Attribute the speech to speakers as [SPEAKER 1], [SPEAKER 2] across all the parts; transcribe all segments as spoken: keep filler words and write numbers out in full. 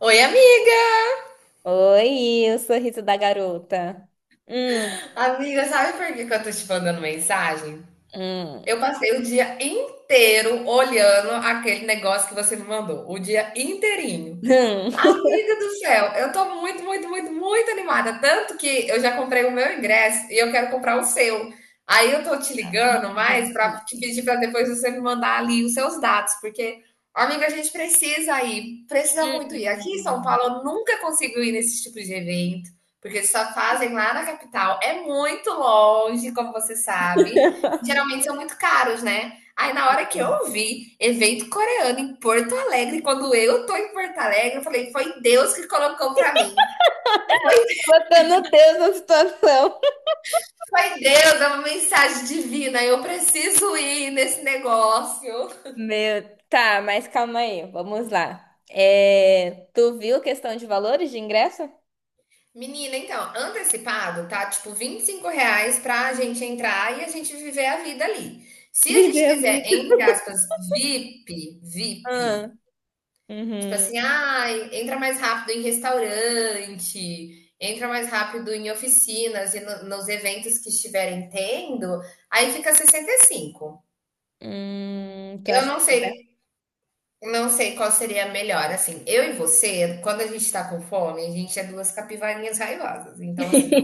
[SPEAKER 1] Oi, amiga.
[SPEAKER 2] Oi, o sorriso da garota. Hum,
[SPEAKER 1] Amiga, sabe por que que eu tô te mandando mensagem?
[SPEAKER 2] hum,
[SPEAKER 1] Eu passei o dia inteiro olhando aquele negócio que você me mandou, o dia inteirinho.
[SPEAKER 2] hum.
[SPEAKER 1] Amiga do céu, eu tô muito, muito, muito, muito animada. Tanto que eu já comprei o meu ingresso e eu quero comprar o seu. Aí eu tô te ligando mais pra te pedir pra depois você me mandar ali os seus dados, porque, amiga, a gente precisa ir, precisa muito ir. Aqui em São Paulo eu nunca consigo ir nesse tipo de evento, porque eles só fazem lá na capital. É muito longe, como você sabe. Geralmente são muito caros, né? Aí na hora que
[SPEAKER 2] Hum.
[SPEAKER 1] eu vi evento coreano em Porto Alegre, quando eu tô em Porto Alegre, eu falei, foi Deus que colocou pra mim.
[SPEAKER 2] Botando Deus na situação.
[SPEAKER 1] Foi Deus, é uma mensagem divina, eu preciso ir nesse negócio.
[SPEAKER 2] Meu, tá, mas calma aí, vamos lá. É, tu viu questão de valores de ingresso?
[SPEAKER 1] Menina, então, antecipado, tá? Tipo, vinte e cinco reais pra gente entrar e a gente viver a vida ali. Se a gente
[SPEAKER 2] Viver a
[SPEAKER 1] quiser,
[SPEAKER 2] vida.
[SPEAKER 1] entre aspas, VIP,
[SPEAKER 2] Ah,
[SPEAKER 1] VIP. Tipo
[SPEAKER 2] uhum.
[SPEAKER 1] assim, ah, entra mais rápido em restaurante, entra mais rápido em oficinas e no- nos eventos que estiverem tendo, aí fica sessenta e cinco.
[SPEAKER 2] Hum, tu
[SPEAKER 1] Eu
[SPEAKER 2] acha
[SPEAKER 1] não
[SPEAKER 2] que...
[SPEAKER 1] sei, não sei qual seria a melhor. Assim, eu e você, quando a gente tá com fome, a gente é duas capivarinhas raivosas. Então, assim,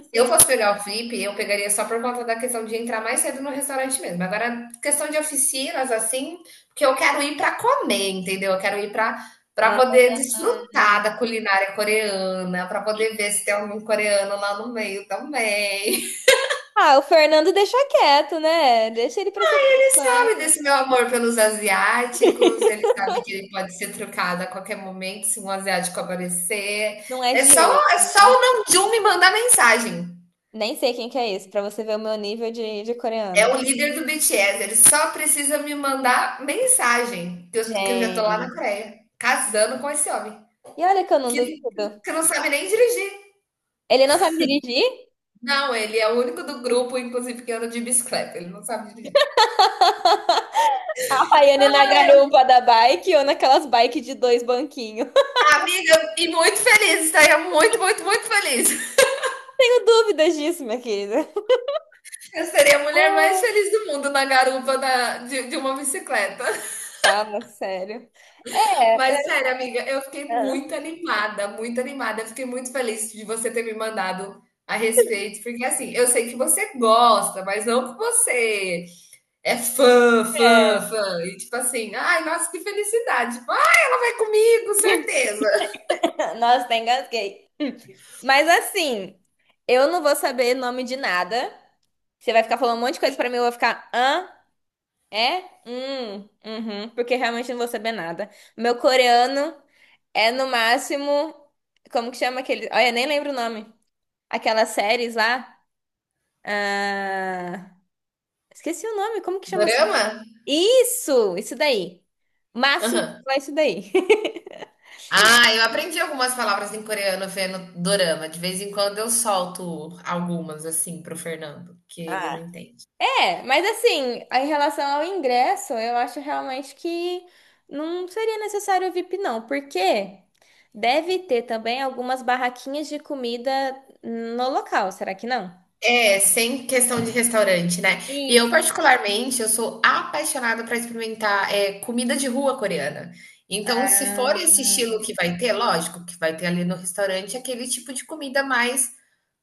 [SPEAKER 1] se eu fosse pegar o Flip, eu pegaria só por conta da questão de entrar mais cedo no restaurante mesmo. Agora, questão de oficinas, assim, porque eu quero ir para comer, entendeu? Eu quero ir para para
[SPEAKER 2] Ah,
[SPEAKER 1] poder desfrutar
[SPEAKER 2] hum.
[SPEAKER 1] da culinária coreana, para poder ver se tem algum coreano lá no meio também.
[SPEAKER 2] Ah, o Fernando deixa quieto, né? Deixa ele pra se
[SPEAKER 1] Ele
[SPEAKER 2] preocupar.
[SPEAKER 1] sabe desse meu amor pelos asiáticos, ele sabe que ele pode ser trocado a qualquer momento se um asiático aparecer.
[SPEAKER 2] Não é
[SPEAKER 1] É
[SPEAKER 2] de
[SPEAKER 1] só,
[SPEAKER 2] hoje.
[SPEAKER 1] é só o Namjoon me mandar mensagem.
[SPEAKER 2] Nem sei quem que é esse, pra você ver o meu nível de, de
[SPEAKER 1] É o
[SPEAKER 2] coreano.
[SPEAKER 1] líder do B T S, ele só precisa me mandar mensagem, que eu, que eu já tô lá na
[SPEAKER 2] Gente.
[SPEAKER 1] Coreia, casando com esse homem,
[SPEAKER 2] E olha que eu não
[SPEAKER 1] que,
[SPEAKER 2] duvido.
[SPEAKER 1] que não sabe nem dirigir.
[SPEAKER 2] Ele não sabe dirigir?
[SPEAKER 1] Não, ele é o único do grupo, inclusive, que anda de bicicleta, ele não sabe dirigir.
[SPEAKER 2] A Havaiana na garupa da bike ou naquelas bike de dois banquinhos.
[SPEAKER 1] Amiga, e muito feliz, estaria muito, muito, muito feliz.
[SPEAKER 2] Tenho dúvidas disso, minha querida.
[SPEAKER 1] Eu seria a mulher mais
[SPEAKER 2] Ah,
[SPEAKER 1] feliz do mundo na garupa da, de, de uma bicicleta.
[SPEAKER 2] fala sério.
[SPEAKER 1] Mas sério, amiga, eu fiquei muito animada, muito animada. Eu fiquei muito feliz de você ter me mandado a respeito, porque assim, eu sei que você gosta, mas não que você é fã, fã, fã. E tipo assim, ai, nossa, que felicidade. Tipo, ai, ela vai comigo, certeza.
[SPEAKER 2] Nossa, tá engasguei. Mas assim, eu não vou saber nome de nada. Você vai ficar falando um monte de coisa pra mim, eu vou ficar hã? É? Hum, uhum, porque realmente eu não vou saber nada. Meu coreano. É no máximo. Como que chama aquele. Olha, nem lembro o nome. Aquelas séries lá. Ah, esqueci o nome. Como que chama?
[SPEAKER 1] Dorama?
[SPEAKER 2] Isso! Isso daí. Máximo
[SPEAKER 1] Aham.
[SPEAKER 2] é isso daí.
[SPEAKER 1] Ah, eu aprendi algumas palavras em coreano vendo dorama. De vez em quando eu solto algumas assim pro Fernando, que ele não
[SPEAKER 2] Ah,
[SPEAKER 1] entende.
[SPEAKER 2] é, mas assim, em relação ao ingresso, eu acho realmente que não seria necessário o V I P, não, porque deve ter também algumas barraquinhas de comida no local, será que não?
[SPEAKER 1] É, sem questão de restaurante, né? E eu,
[SPEAKER 2] Isso.
[SPEAKER 1] particularmente, eu sou apaixonada para experimentar é, comida de rua coreana. Então, se for
[SPEAKER 2] Ah,
[SPEAKER 1] esse estilo que vai ter, lógico que vai ter ali no restaurante aquele tipo de comida mais,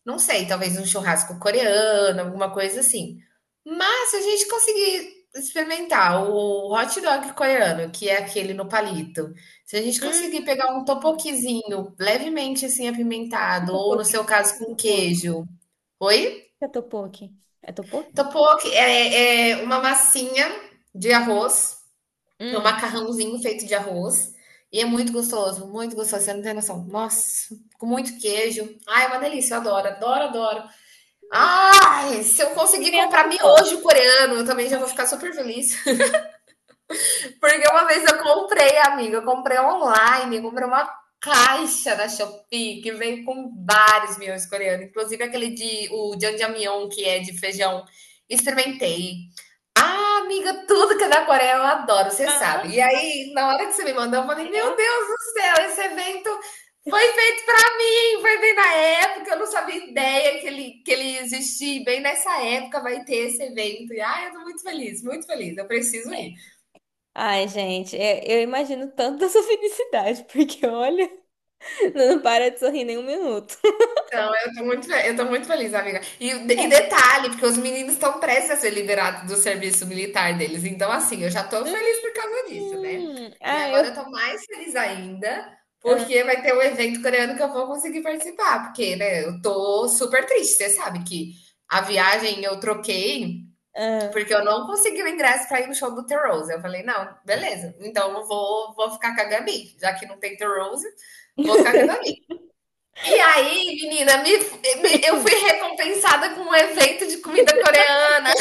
[SPEAKER 1] não sei, talvez um churrasco coreano, alguma coisa assim. Mas se a gente conseguir experimentar o hot dog coreano, que é aquele no palito, se a gente conseguir
[SPEAKER 2] hum,
[SPEAKER 1] pegar um topoquizinho levemente assim apimentado, ou
[SPEAKER 2] tipo,
[SPEAKER 1] no seu caso com queijo. Oi?
[SPEAKER 2] é topoki. É topoki?
[SPEAKER 1] Topoki é, é uma massinha de arroz, é um
[SPEAKER 2] Hum.
[SPEAKER 1] macarrãozinho feito de arroz. E é muito gostoso, muito gostoso, você não tem noção. Nossa, com muito queijo. Ai, é uma delícia, eu adoro, adoro, adoro. Ai, se eu conseguir
[SPEAKER 2] Pimenta
[SPEAKER 1] comprar
[SPEAKER 2] eu gosto.
[SPEAKER 1] miojo coreano, eu também já vou ficar super feliz. Porque uma vez eu comprei, amiga, eu comprei online, eu comprei uma caixa da Shopee que vem com vários miojos coreanos, inclusive aquele de o jjamyeon, que é de feijão. Experimentei, ah, amiga, tudo que é da Coreia eu adoro, você
[SPEAKER 2] Aham,
[SPEAKER 1] sabe. E aí, na hora que você me mandou, eu falei: Meu
[SPEAKER 2] é.
[SPEAKER 1] Deus do céu, esse evento foi feito para mim. Foi bem na época, eu não sabia ideia que ele, que ele existia. E bem nessa época vai ter esse evento. E ai, eu tô muito feliz, muito feliz. Eu preciso ir.
[SPEAKER 2] Ai, gente, é- eu imagino tanto da sua felicidade, porque olha, não para de sorrir nem um minuto.
[SPEAKER 1] Não, eu tô muito, fe- eu tô muito feliz, amiga. E,
[SPEAKER 2] É.
[SPEAKER 1] e detalhe, porque os meninos estão prestes a ser liberados do serviço militar deles. Então, assim, eu já tô feliz por
[SPEAKER 2] Hum,
[SPEAKER 1] causa disso, né? E
[SPEAKER 2] ah,
[SPEAKER 1] agora eu
[SPEAKER 2] eu.
[SPEAKER 1] tô mais feliz ainda,
[SPEAKER 2] Ah,
[SPEAKER 1] porque vai ter um evento coreano que eu vou conseguir participar. Porque, né, eu tô super triste. Você sabe que a viagem eu troquei
[SPEAKER 2] ah.
[SPEAKER 1] porque eu não consegui o ingresso pra ir no show do The Rose. Eu falei, não, beleza. Então eu vou, vou ficar com a Gabi, já que não tem The Rose, vou ficar com a Gabi. E aí, menina, me, me- eu fui recompensada com um evento de comida coreana.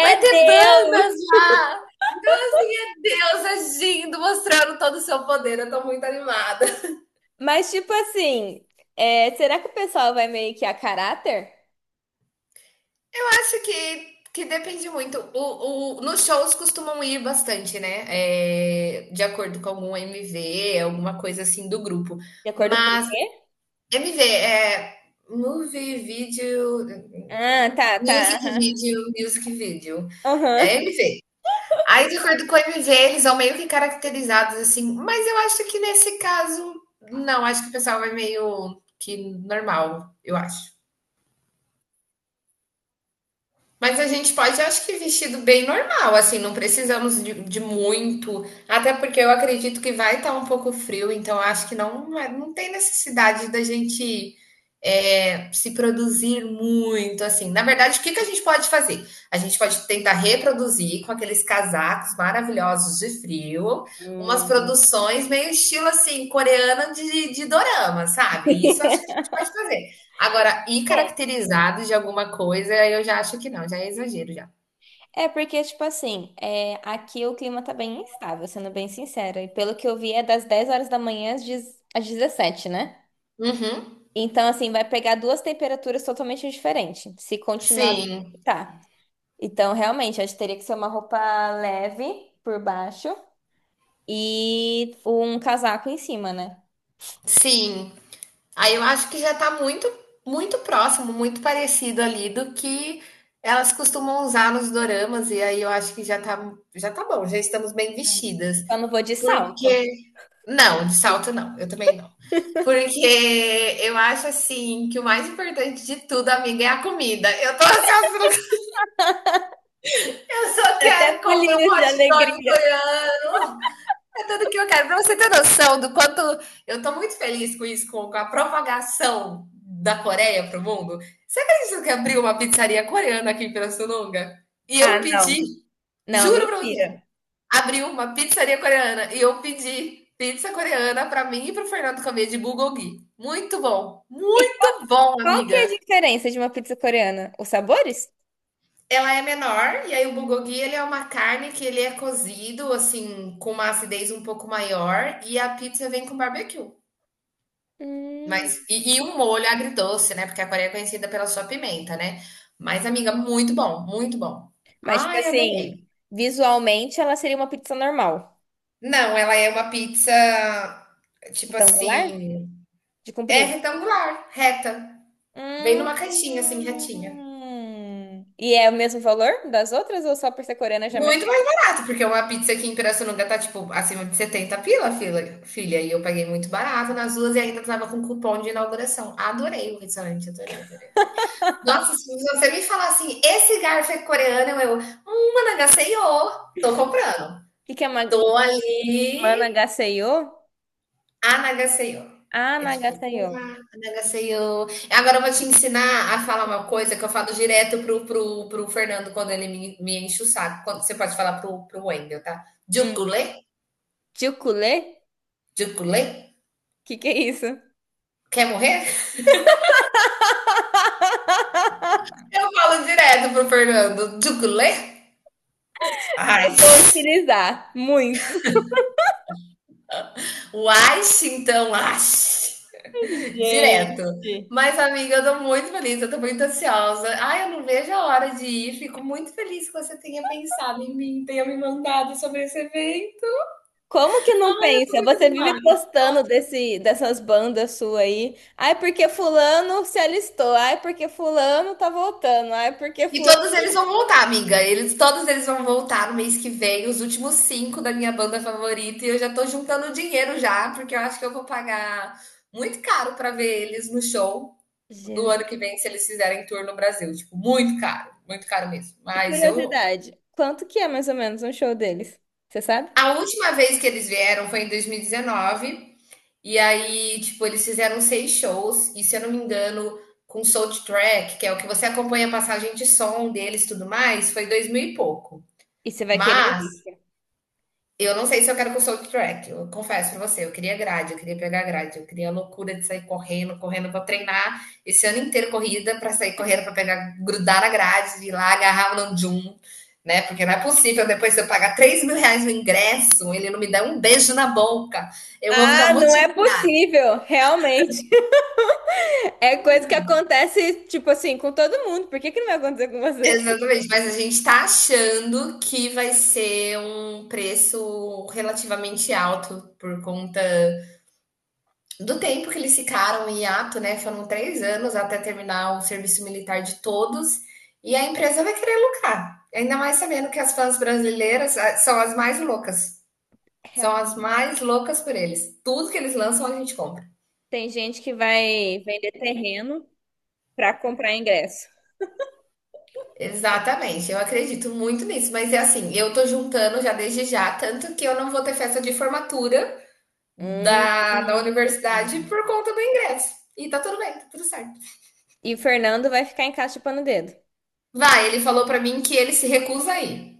[SPEAKER 1] Vai ter bandas
[SPEAKER 2] Deus!
[SPEAKER 1] lá. Então, assim, é Deus agindo, mostrando todo o seu poder. Eu tô muito animada.
[SPEAKER 2] Mas, tipo assim, é, será que o pessoal vai meio que a caráter?
[SPEAKER 1] Eu acho que, que depende muito. O, o- nos shows costumam ir bastante, né? É, de acordo com algum M V, alguma coisa assim do grupo.
[SPEAKER 2] De acordo com o
[SPEAKER 1] Mas
[SPEAKER 2] quê?
[SPEAKER 1] M V é movie, vídeo,
[SPEAKER 2] Ah, tá,
[SPEAKER 1] music
[SPEAKER 2] tá.
[SPEAKER 1] video, music video.
[SPEAKER 2] Aham.
[SPEAKER 1] É
[SPEAKER 2] Aham.
[SPEAKER 1] M V. Aí, de acordo com o M V, eles são meio que caracterizados assim, mas eu acho que nesse caso, não, acho que o pessoal vai meio que normal, eu acho. Mas a gente pode, acho que vestido bem normal, assim, não precisamos de, de muito, até porque eu acredito que vai estar um pouco frio, então acho que não, é- não tem necessidade da gente é, se produzir muito, assim. Na verdade, o que que a gente pode fazer? A gente pode tentar reproduzir com aqueles casacos maravilhosos de frio, umas
[SPEAKER 2] Hum.
[SPEAKER 1] produções meio estilo, assim, coreana de, de dorama, sabe? Isso eu acho que a gente pode fazer. Agora, ir caracterizado de alguma coisa, eu já acho que não, já é exagero já.
[SPEAKER 2] É porque, tipo assim, é, aqui o clima tá bem instável, sendo bem sincera. E pelo que eu vi, é das dez horas da manhã às dez às dezessete, né?
[SPEAKER 1] Uhum.
[SPEAKER 2] Então, assim, vai pegar duas temperaturas totalmente diferentes, se continuar do que
[SPEAKER 1] Sim,
[SPEAKER 2] tá. Então, realmente, acho que teria que ser uma roupa leve por baixo e um casaco em cima, né?
[SPEAKER 1] sim. Aí eu acho que já tá muito, muito próximo, muito parecido ali do que elas costumam usar nos doramas, e aí eu acho que já tá, já tá bom, já estamos bem
[SPEAKER 2] É.
[SPEAKER 1] vestidas.
[SPEAKER 2] Só não vou de salto.
[SPEAKER 1] Porque. Não, de salto não, eu também não. Porque eu acho assim que o mais importante de tudo, amiga, é a comida. Eu tô ansiosa, pelo- Eu só
[SPEAKER 2] Até
[SPEAKER 1] quero comer um
[SPEAKER 2] pulinhos de
[SPEAKER 1] hot dog
[SPEAKER 2] alegria.
[SPEAKER 1] coreano. É tudo que eu quero. Para você ter noção do quanto eu estou muito feliz com isso, com, a propagação da Coreia para o mundo. Você acredita que abriu uma pizzaria coreana aqui em Pirassununga? E
[SPEAKER 2] Ah,
[SPEAKER 1] eu pedi,
[SPEAKER 2] não. Não,
[SPEAKER 1] juro para você,
[SPEAKER 2] mentira.
[SPEAKER 1] abriu uma pizzaria coreana e eu pedi pizza coreana para mim e para o Fernando comer de bulgogi. Muito bom,
[SPEAKER 2] E
[SPEAKER 1] muito bom,
[SPEAKER 2] qual que é a
[SPEAKER 1] amiga.
[SPEAKER 2] diferença de uma pizza coreana? Os sabores?
[SPEAKER 1] Ela é menor e aí o bulgogi ele é uma carne que ele é cozido assim com uma acidez um pouco maior e a pizza vem com barbecue. Mas
[SPEAKER 2] Hum.
[SPEAKER 1] e e um molho agridoce, né, porque a Coreia é conhecida pela sua pimenta, né. Mas, amiga, muito bom, muito bom.
[SPEAKER 2] Mas, tipo
[SPEAKER 1] Ai, adorei.
[SPEAKER 2] assim, visualmente ela seria uma pizza normal.
[SPEAKER 1] Não, ela é uma pizza, tipo
[SPEAKER 2] Retangular?
[SPEAKER 1] assim,
[SPEAKER 2] De
[SPEAKER 1] é
[SPEAKER 2] comprido?
[SPEAKER 1] retangular, reta. Vem
[SPEAKER 2] Hum.
[SPEAKER 1] numa caixinha, assim, retinha.
[SPEAKER 2] E é o mesmo valor das outras ou só por ser coreana já é mais
[SPEAKER 1] Muito
[SPEAKER 2] caro?
[SPEAKER 1] mais barato, porque uma pizza aqui em Pirassununga tá, tipo, acima de setenta pila, filha filha, e eu paguei muito barato nas duas e ainda estava com cupom de inauguração. Adorei o restaurante, adorei, adorei, adorei. Nossa, se você me falar assim, esse garfo é coreano, eu, hum, Anagaseyo, tô comprando.
[SPEAKER 2] O que que é ma-
[SPEAKER 1] Tô ali,
[SPEAKER 2] managaseyo?
[SPEAKER 1] Anagaseyo.
[SPEAKER 2] Ah,
[SPEAKER 1] É tipo,
[SPEAKER 2] nagaseyo.
[SPEAKER 1] olá, Anagaseyo. Agora eu vou te ensinar a falar uma coisa que eu falo direto pro, pro, pro Fernando quando ele me, me enche o saco. Quando, você pode falar pro, pro Wendel, tá?
[SPEAKER 2] Hum.
[SPEAKER 1] Jukulê,
[SPEAKER 2] Chuculé?
[SPEAKER 1] Jukulê,
[SPEAKER 2] O que que é isso? Eu
[SPEAKER 1] quer morrer? Eu falo direto pro Fernando, Jukulê. Ai,
[SPEAKER 2] vou utilizar muito.
[SPEAKER 1] uai, então, ai. Direto.
[SPEAKER 2] Gente.
[SPEAKER 1] Mas, amiga, eu tô muito feliz, eu tô muito ansiosa. Ai, eu não vejo a hora de ir. Fico muito feliz que você tenha pensado em mim, tenha me mandado sobre esse evento.
[SPEAKER 2] Como que não
[SPEAKER 1] Ai, eu tô
[SPEAKER 2] pensa?
[SPEAKER 1] muito
[SPEAKER 2] Você vive
[SPEAKER 1] animada.
[SPEAKER 2] postando desse, dessas bandas suas aí. Ai, porque fulano se alistou. Ai, porque fulano tá voltando. Ai, porque
[SPEAKER 1] E
[SPEAKER 2] fulano.
[SPEAKER 1] todos eles vão voltar, amiga. Eles, todos eles vão voltar no mês que vem, os últimos cinco da minha banda favorita. E eu já tô juntando dinheiro já, porque eu acho que eu vou pagar muito caro pra ver eles no show do
[SPEAKER 2] Jesus.
[SPEAKER 1] ano que vem, se eles fizerem tour no Brasil. Tipo, muito caro, muito caro mesmo.
[SPEAKER 2] E
[SPEAKER 1] Mas eu
[SPEAKER 2] curiosidade, quanto que é mais ou menos um show deles? Você sabe?
[SPEAKER 1] A última vez que eles vieram foi em dois mil e dezenove. E aí, tipo, eles fizeram seis shows. E se eu não me engano, com Soundtrack, que é o que você acompanha a passagem de som deles e tudo mais, foi dois mil e pouco.
[SPEAKER 2] E você vai querer
[SPEAKER 1] Mas
[SPEAKER 2] ir?
[SPEAKER 1] eu não sei se eu quero com soundtrack. Eu confesso pra você, eu queria grade, eu queria pegar grade, eu queria a loucura de sair correndo, correndo pra treinar esse ano inteiro corrida pra sair correndo pra pegar, grudar na grade, ir lá agarrar o Namjoon, né? Porque não é possível depois eu pagar três mil reais no ingresso, ele não me dá um beijo na boca. Eu vou ficar
[SPEAKER 2] Ah,
[SPEAKER 1] muito
[SPEAKER 2] não é
[SPEAKER 1] chateada.
[SPEAKER 2] possível, realmente. É coisa que acontece, tipo assim, com todo mundo. Por que que não vai acontecer com você?
[SPEAKER 1] Exatamente, mas a gente tá achando que vai ser um preço relativamente alto por conta do tempo que eles ficaram em hiato, né? Foram três anos até terminar o serviço militar de todos, e a empresa vai querer lucrar. Ainda mais sabendo que as fãs brasileiras ah, são as mais loucas. São as
[SPEAKER 2] Realmente.
[SPEAKER 1] mais loucas por eles. Tudo que eles lançam, a gente compra.
[SPEAKER 2] Tem gente que vai vender terreno pra comprar ingresso.
[SPEAKER 1] Exatamente, eu acredito muito nisso, mas é assim, eu tô juntando já desde já, tanto que eu não vou ter festa de formatura
[SPEAKER 2] Hum.
[SPEAKER 1] da, da universidade por conta do ingresso. E tá tudo bem, tá tudo certo.
[SPEAKER 2] E o Fernando vai ficar em casa chupando o dedo.
[SPEAKER 1] Vai, ele falou pra mim que ele se recusa a ir.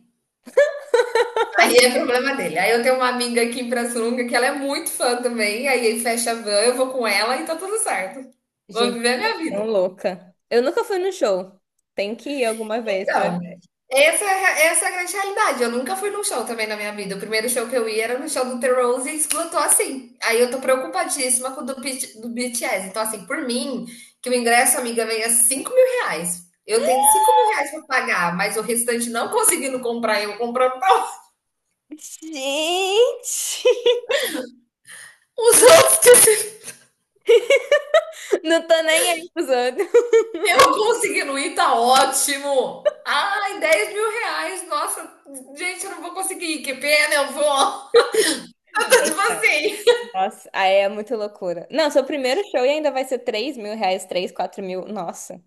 [SPEAKER 1] Aí é problema dele. Aí eu tenho uma amiga aqui em Pirassununga que ela é muito fã também. Aí ele fecha a van, eu vou com ela e tá tudo certo. Vou
[SPEAKER 2] Gente,
[SPEAKER 1] viver a minha
[SPEAKER 2] tão
[SPEAKER 1] vida.
[SPEAKER 2] louca. Eu nunca fui no show. Tem que ir alguma vez pra
[SPEAKER 1] Então,
[SPEAKER 2] ver.
[SPEAKER 1] essa, é a- essa é a grande realidade. Eu nunca fui num show também na minha vida. O primeiro show que eu ia era no show do The Rose e esgotou assim. Aí eu tô preocupadíssima com o do, Bit- do B T S. Então, assim, por mim, que o ingresso, amiga, venha cinco mil reais. Eu tenho cinco mil reais pra pagar, mas o restante não conseguindo comprar, eu comprando
[SPEAKER 2] Gente!
[SPEAKER 1] os outros que.
[SPEAKER 2] Não tô nem aí pros outros.
[SPEAKER 1] Eu conseguindo ir, tá ótimo. Ai, dez mil reais. Nossa, gente, eu não vou conseguir. Que pena, eu vou. Eu tô
[SPEAKER 2] Gente,
[SPEAKER 1] tipo
[SPEAKER 2] não.
[SPEAKER 1] assim.
[SPEAKER 2] Nossa, aí é muito loucura. Não, seu primeiro show e ainda vai ser três mil reais, três quatro mil. Nossa.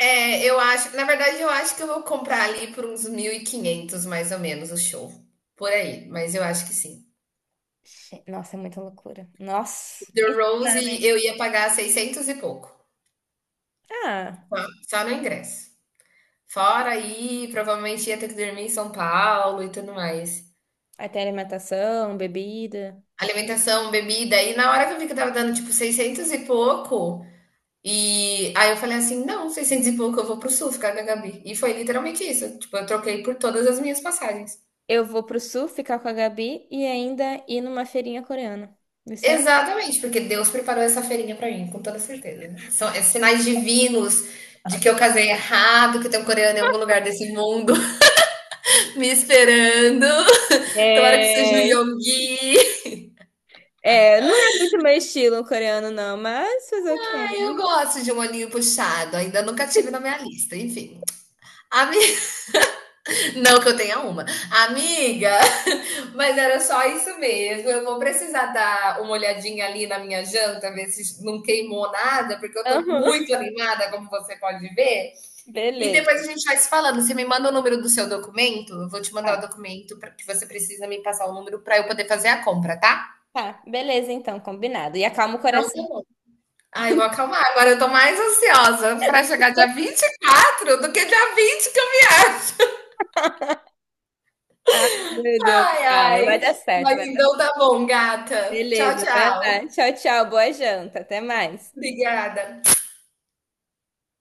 [SPEAKER 1] É, eu acho. Na verdade, eu acho que eu vou comprar ali por uns mil e quinhentos, mais ou menos o show. Por aí. Mas eu acho que sim.
[SPEAKER 2] Nossa, é muita loucura.
[SPEAKER 1] O
[SPEAKER 2] Nossa.
[SPEAKER 1] The
[SPEAKER 2] Isso-
[SPEAKER 1] Rose
[SPEAKER 2] né?
[SPEAKER 1] eu ia pagar seiscentos e pouco.
[SPEAKER 2] Ah,
[SPEAKER 1] Só no ingresso. Fora aí, provavelmente ia ter que dormir em São Paulo e tudo mais.
[SPEAKER 2] aí tem alimentação, bebida.
[SPEAKER 1] Alimentação, bebida. E na hora que eu vi que eu tava dando tipo seiscentos e pouco. E aí eu falei assim: não, seiscentos e pouco eu vou pro sul ficar com a Gabi. E foi literalmente isso. Tipo, eu troquei por todas as minhas passagens.
[SPEAKER 2] Eu vou pro sul ficar com a Gabi e ainda ir numa feirinha coreana. Vicente?
[SPEAKER 1] Exatamente, porque Deus preparou essa feirinha pra mim, com toda certeza. São é sinais divinos de que eu casei errado, que tem um coreano em algum lugar desse mundo me esperando. Tomara que seja o
[SPEAKER 2] É,
[SPEAKER 1] Yonggi.
[SPEAKER 2] é, não é muito meu estilo coreano, não, mas fazer o quê,
[SPEAKER 1] Ai,
[SPEAKER 2] né?
[SPEAKER 1] eu gosto de um olhinho puxado, ainda nunca tive na minha lista, enfim. Ami... Não que eu tenha uma. Amiga, mas era só isso mesmo. Eu vou precisar dar uma olhadinha ali na minha janta, ver se não queimou nada, porque eu tô
[SPEAKER 2] Aham.
[SPEAKER 1] muito animada, como você pode ver. E depois a
[SPEAKER 2] Beleza.
[SPEAKER 1] gente vai se falando. Você me manda o número do seu documento, eu vou te
[SPEAKER 2] Tá,
[SPEAKER 1] mandar o documento pra- que você precisa me passar o número para eu poder fazer a compra, tá?
[SPEAKER 2] tá. Beleza, então, combinado. E acalma o
[SPEAKER 1] Então tá
[SPEAKER 2] coração.
[SPEAKER 1] bom. Ai, vou acalmar. Agora eu tô mais ansiosa para chegar dia vinte e quatro do que dia vinte que eu viajo.
[SPEAKER 2] Ah, meu Deus,
[SPEAKER 1] Ai,
[SPEAKER 2] calma, vai
[SPEAKER 1] ai.
[SPEAKER 2] dar certo,
[SPEAKER 1] Mas
[SPEAKER 2] vai dar...
[SPEAKER 1] então tá bom, gata. Tchau,
[SPEAKER 2] Beleza, vai lá.
[SPEAKER 1] tchau.
[SPEAKER 2] Tchau, tchau, boa janta, até mais.
[SPEAKER 1] Obrigada.